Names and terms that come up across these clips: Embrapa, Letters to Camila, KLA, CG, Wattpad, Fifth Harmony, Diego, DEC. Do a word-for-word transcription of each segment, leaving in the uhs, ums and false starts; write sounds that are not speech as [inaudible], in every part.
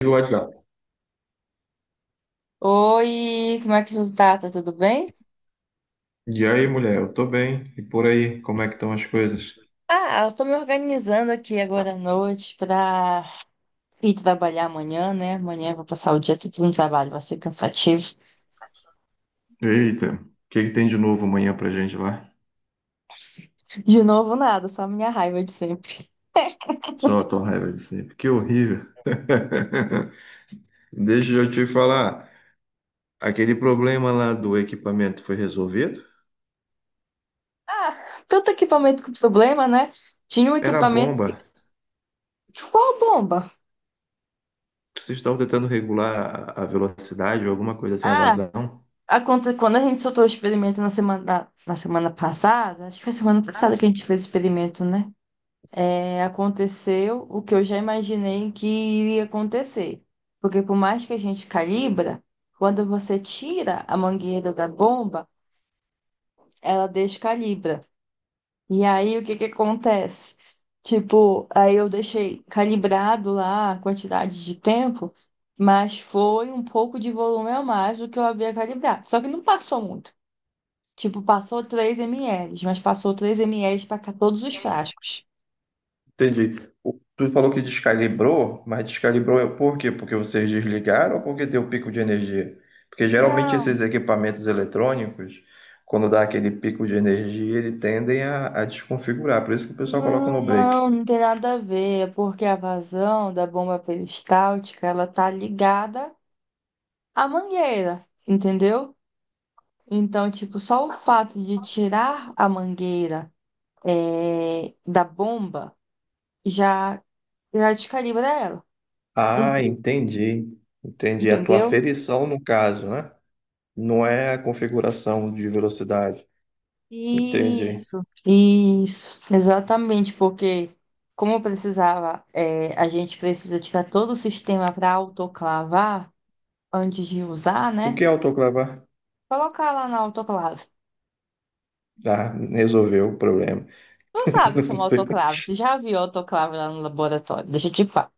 Pelo WhatsApp. Oi, como é que você tá? Tá tudo bem? E aí, mulher, eu tô bem. E por aí, como é que estão as coisas? Ah, eu tô me organizando aqui agora à noite pra ir trabalhar amanhã, né? Amanhã eu vou passar o dia todo no trabalho, vai ser cansativo. Eita, o que que tem de novo amanhã pra gente lá? De novo, nada, só a minha raiva de sempre. Só a [laughs] tua raiva de sempre. Que horrível. [laughs] Deixa eu te falar. Aquele problema lá do equipamento foi resolvido? Ah, tanto equipamento com problema, né? Tinha um Era a equipamento que. bomba. Qual bomba? Vocês estão tentando regular a a velocidade ou alguma coisa assim, a Ah, vazão? aconte... quando a gente soltou o experimento na semana, na semana passada, acho que foi semana passada que a gente fez o experimento, né? É, aconteceu o que eu já imaginei que iria acontecer. Porque por mais que a gente calibra, quando você tira a mangueira da bomba, ela descalibra. E aí o que que acontece? Tipo, aí eu deixei calibrado lá a quantidade de tempo, mas foi um pouco de volume a mais do que eu havia calibrado. Só que não passou muito. Tipo, passou três ml, mas passou três ml para todos os frascos. Entendi. O- Tu falou que descalibrou, mas descalibrou é por quê? Porque vocês desligaram ou porque deu pico de energia? Porque geralmente não esses equipamentos eletrônicos, quando dá aquele pico de energia, eles tendem a, a desconfigurar. Por isso que o pessoal coloca Não, no break. não, não tem nada a ver. É porque a vazão da bomba peristáltica, ela tá ligada à mangueira, entendeu? Então, tipo, só o fato de tirar a mangueira é da bomba já, já descalibra ela. Um Ah, pouco, entendi. Entendi. A tua entendeu? aferição, no caso, né? Não é a configuração de velocidade. Entendi. Isso, isso, exatamente, porque como precisava, é a gente precisa tirar todo o sistema para autoclavar antes de usar, O né? que é autoclavar? Colocar lá na autoclave. Ah, resolveu o problema. Tu sabe o que [laughs] é Não uma sei. autoclave? Tu já viu autoclave lá no laboratório? Deixa eu te falar.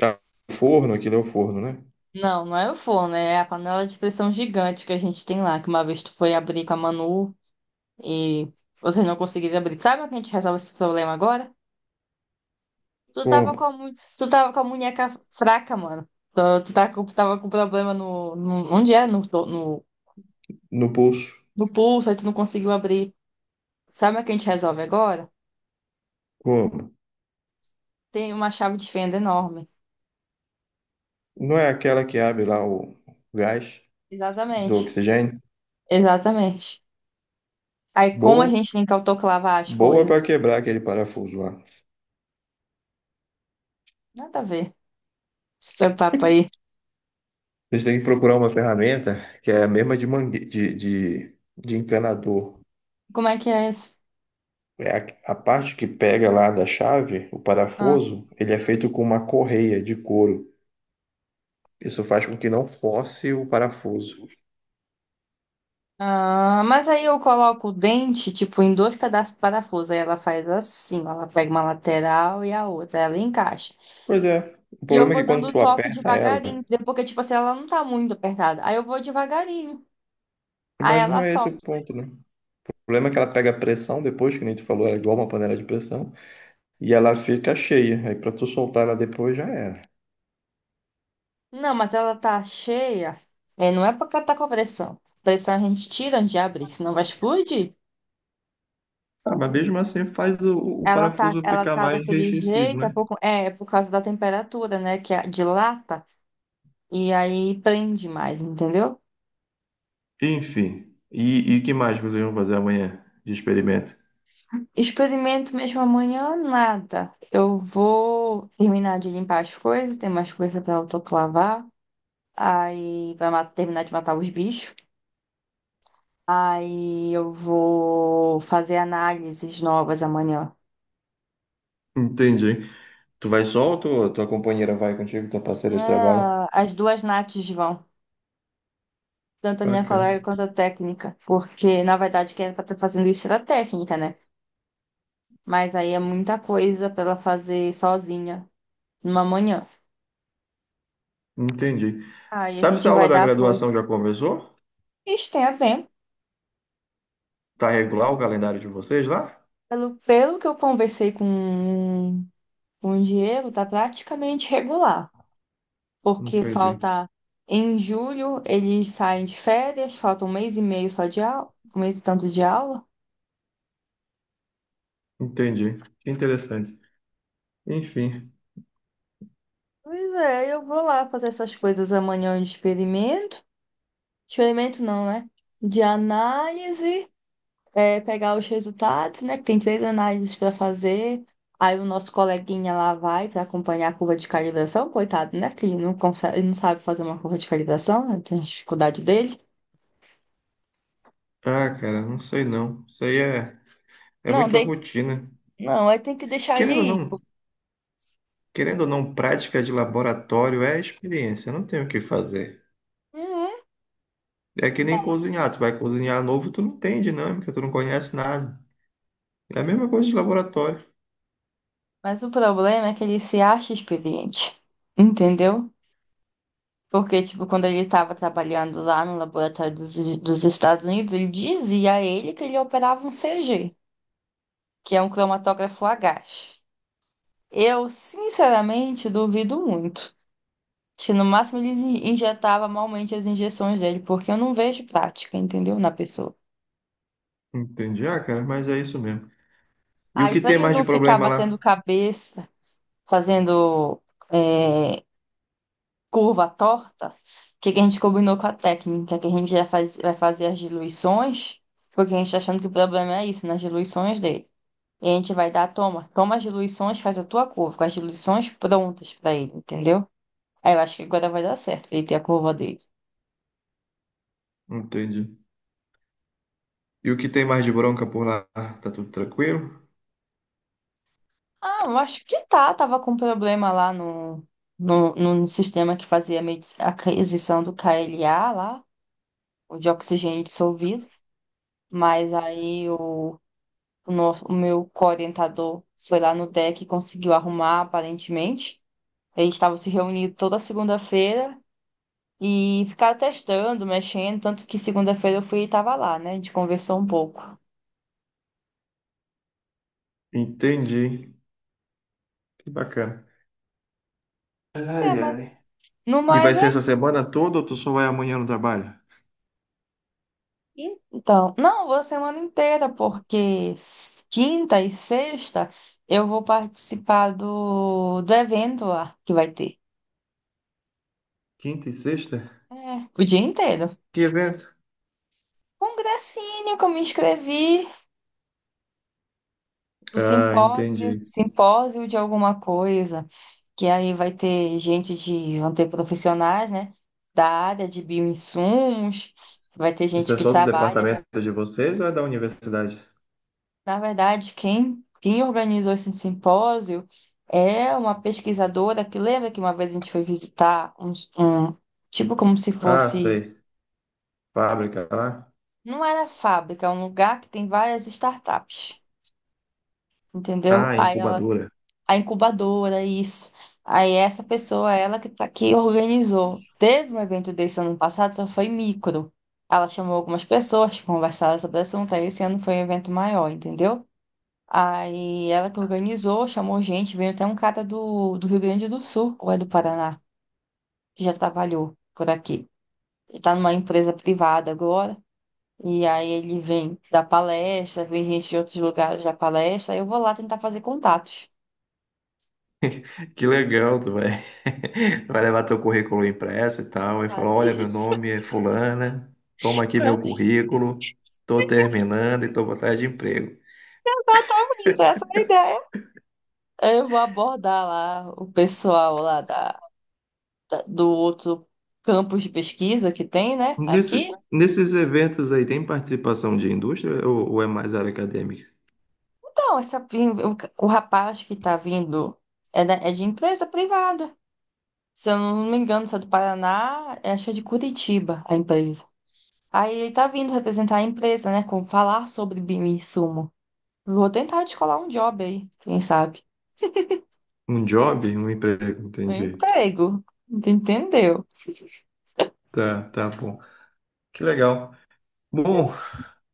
Ah, forno, aquilo é o forno, né? Não, não é o forno, é a panela de pressão gigante que a gente tem lá, que uma vez tu foi abrir com a Manu e vocês não conseguiram abrir. Sabe como que a gente resolve esse problema agora? Tu tava com a, Como? mu- tu tava com a munheca fraca, mano. Tu, tu tá com- tava com problema no, no- Onde é? No, no, No pulso. no pulso, aí tu não conseguiu abrir. Sabe o que a gente resolve agora? Como? Tem uma chave de fenda enorme. Não é aquela que abre lá o gás do Exatamente. oxigênio? Exatamente. Aí, como a Boa, gente tem que autoclavar as boa coisas? para quebrar aquele parafuso lá. Nada a ver. Esse teu papo aí. Vocês têm que procurar uma ferramenta que é a mesma de, mangue... de, de, de encanador. Como é que é isso? É a, a parte que pega lá da chave, o Ah, parafuso, ele é feito com uma correia de couro. Isso faz com que não force o parafuso. ah, mas aí eu coloco o dente, tipo, em dois pedaços de parafuso. Aí ela faz assim, ó, ela pega uma lateral e a outra, ela encaixa. Pois é, o E eu problema é vou que dando quando o tu toque aperta ela, devagarinho, entendeu? Porque, tipo assim, ela não tá muito apertada. Aí eu vou devagarinho. Aí mas não ela é esse o solta. ponto, né? O problema é que ela pega pressão depois, que nem tu falou, ela é igual uma panela de pressão. E ela fica cheia. Aí pra tu soltar ela depois já era. Não, mas ela tá cheia. É, não é porque ela tá com pressão. Pressão a gente tira antes de abrir, senão vai explodir. Ah, mas Entendeu? mesmo assim faz o, o Ela tá, parafuso ela ficar tá mais daquele restringido, jeito, é né? por, é, é por causa da temperatura, né? Que a- dilata e aí prende mais, entendeu? Enfim. E o que mais que vocês vão fazer amanhã de experimento? Experimento mesmo amanhã, nada. Eu vou terminar de limpar as coisas, tem mais coisa pra autoclavar. Aí vai ma- terminar de matar os bichos. Aí eu vou fazer análises novas amanhã. Entendi. Tu vai só ou tua, tua companheira vai contigo, tua parceira de trabalho? Não, as duas nates vão. Tanto a minha Bacana. colega quanto a técnica. Porque, na verdade, quem era pra estar fazendo isso era a técnica, né? Mas aí é muita coisa pra ela fazer sozinha numa manhã. Entendi. Aí a Sabe se gente a vai aula da dar apoio. graduação já começou? Isso tem a tempo. Tá regular o calendário de vocês lá? Pelo, pelo que eu conversei com, com o Diego, tá praticamente regular. Porque Entendi. falta. Em julho eles saem de férias, falta um mês e meio só de aula, um mês e tanto de aula. Entendi. Que interessante. Enfim. Pois é, eu vou lá fazer essas coisas amanhã de experimento. Experimento não, né? De análise. É, pegar os resultados, né? Que tem três análises para fazer. Aí o nosso coleguinha lá vai para acompanhar a curva de calibração, coitado, né? Que ele não consegue, ele não sabe fazer uma curva de calibração, né? Tem dificuldade dele. Ah, cara, não sei não. Isso aí é, é Não, muito dei... rotina. não, aí tem que deixar Querendo ou ele ir. não, querendo ou não, prática de laboratório é experiência, não tem o que fazer. Uhum. É que nem cozinhar, tu vai cozinhar novo, tu não tem dinâmica, tu não conhece nada. É a mesma coisa de laboratório. Mas o problema é que ele se acha experiente, entendeu? Porque, tipo, quando ele estava trabalhando lá no laboratório dos, dos Estados Unidos, ele dizia a ele que ele operava um C G, que é um cromatógrafo a gás. Eu, sinceramente, duvido muito. Acho que no máximo eles in- injetava malmente as injeções dele, porque eu não vejo prática, entendeu? Na pessoa. Entendi, ah, cara, mas é isso mesmo. E o Aí, que pra tem ele mais de não ficar problema lá? batendo cabeça, fazendo é, curva torta, o que que a gente combinou com a técnica? Que a gente já faz, vai fazer as diluições, porque a gente tá achando que o problema é isso, nas diluições dele. E a gente vai dar, toma, toma as diluições, faz a tua curva, com as diluições prontas pra ele, entendeu? Aí eu acho que agora vai dar certo pra ele ter a curva dele. Entendi. E o que tem mais de bronca por lá? Ah, tá tudo tranquilo? Ah, eu acho que tá. Tava com problema lá no, no, no sistema que fazia a medi- a aquisição do K L A lá, o de oxigênio dissolvido. Mas aí o, o, no- o meu coorientador foi lá no D E C e conseguiu arrumar, aparentemente. Eles estavam se reunindo toda segunda-feira e ficaram testando, mexendo. Tanto que segunda-feira eu fui e tava lá, né? A gente conversou um pouco. Entendi. Que bacana. Mas Ai, é, mas. ai. No E vai mais ser essa semana toda ou tu só vai amanhã no trabalho? Então, não, vou a semana inteira, porque s- quinta e sexta eu vou participar do, do evento lá que vai ter. Quinta e sexta? É, o dia inteiro. Que evento? Congressinho que eu me inscrevi, o Ah, simpósio, entendi. simpósio de alguma coisa, que aí vai ter gente de, vão ter profissionais, né, da área de bioinsumos, vai ter Isso gente é que só do trabalha já. departamento de vocês ou é da universidade? Na verdade, quem, quem organizou esse simpósio é uma pesquisadora que lembra que uma vez a gente foi visitar um, um- tipo como se Ah, fosse, sei. Fábrica lá. não era fábrica, é um lugar que tem várias startups, entendeu? Ah, Aí ela, incubadora. a incubadora, isso. Aí essa pessoa, ela que tá aqui, organizou. Teve um evento desse ano passado, só foi micro. Ela chamou algumas pessoas, que conversaram sobre o assunto, aí esse ano foi um evento maior, entendeu? Aí ela que organizou, chamou gente, veio até um cara do, do Rio Grande do Sul, ou é do Paraná, que já trabalhou por aqui. Ele tá numa empresa privada agora, e aí ele vem dar palestra, vem gente de outros lugares dar palestra, aí eu vou lá tentar fazer contatos. Que legal, tu vai. [laughs] Vai levar teu currículo impresso e tal, e falar, Quase olha, meu isso. nome é fulana, toma [laughs] aqui meu Quase. currículo, tô terminando e tô atrás de emprego. Exatamente, essa é a ideia. Aí eu vou abordar lá o pessoal lá da, da- do outro campus de pesquisa que tem, né, aqui. Nesse, nesses eventos aí, tem participação de indústria ou, ou é mais área acadêmica? Não, essa, o, o rapaz que tá vindo é, da- é de empresa privada. Se eu não me engano, se é do Paraná, é, acho que é de Curitiba a empresa. Aí ele tá vindo representar a empresa, né? Com falar sobre insumo. Vou tentar descolar um job aí, quem sabe? Um job, um emprego, Um entendi. emprego. Tu entendeu? Tá, tá bom. Que legal. Bom,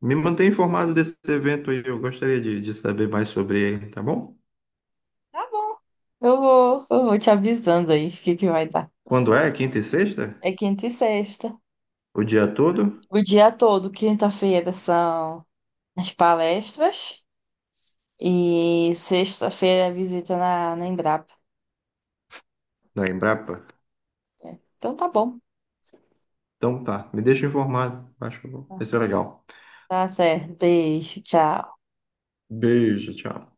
me mantém informado desse evento aí, eu gostaria de, de saber mais sobre ele, tá bom? Tá bom. Eu vou, eu vou te avisando aí o que que vai dar. Quando é? Quinta e sexta? É quinta e sexta. O dia todo? O dia todo, quinta-feira são as palestras. E sexta-feira visita na, na Embrapa. Na Embrapa? Então tá bom. Então tá, me deixa informado. Acho que eu vou- vai ser legal. Tá certo. Beijo. Tchau. Beijo, tchau.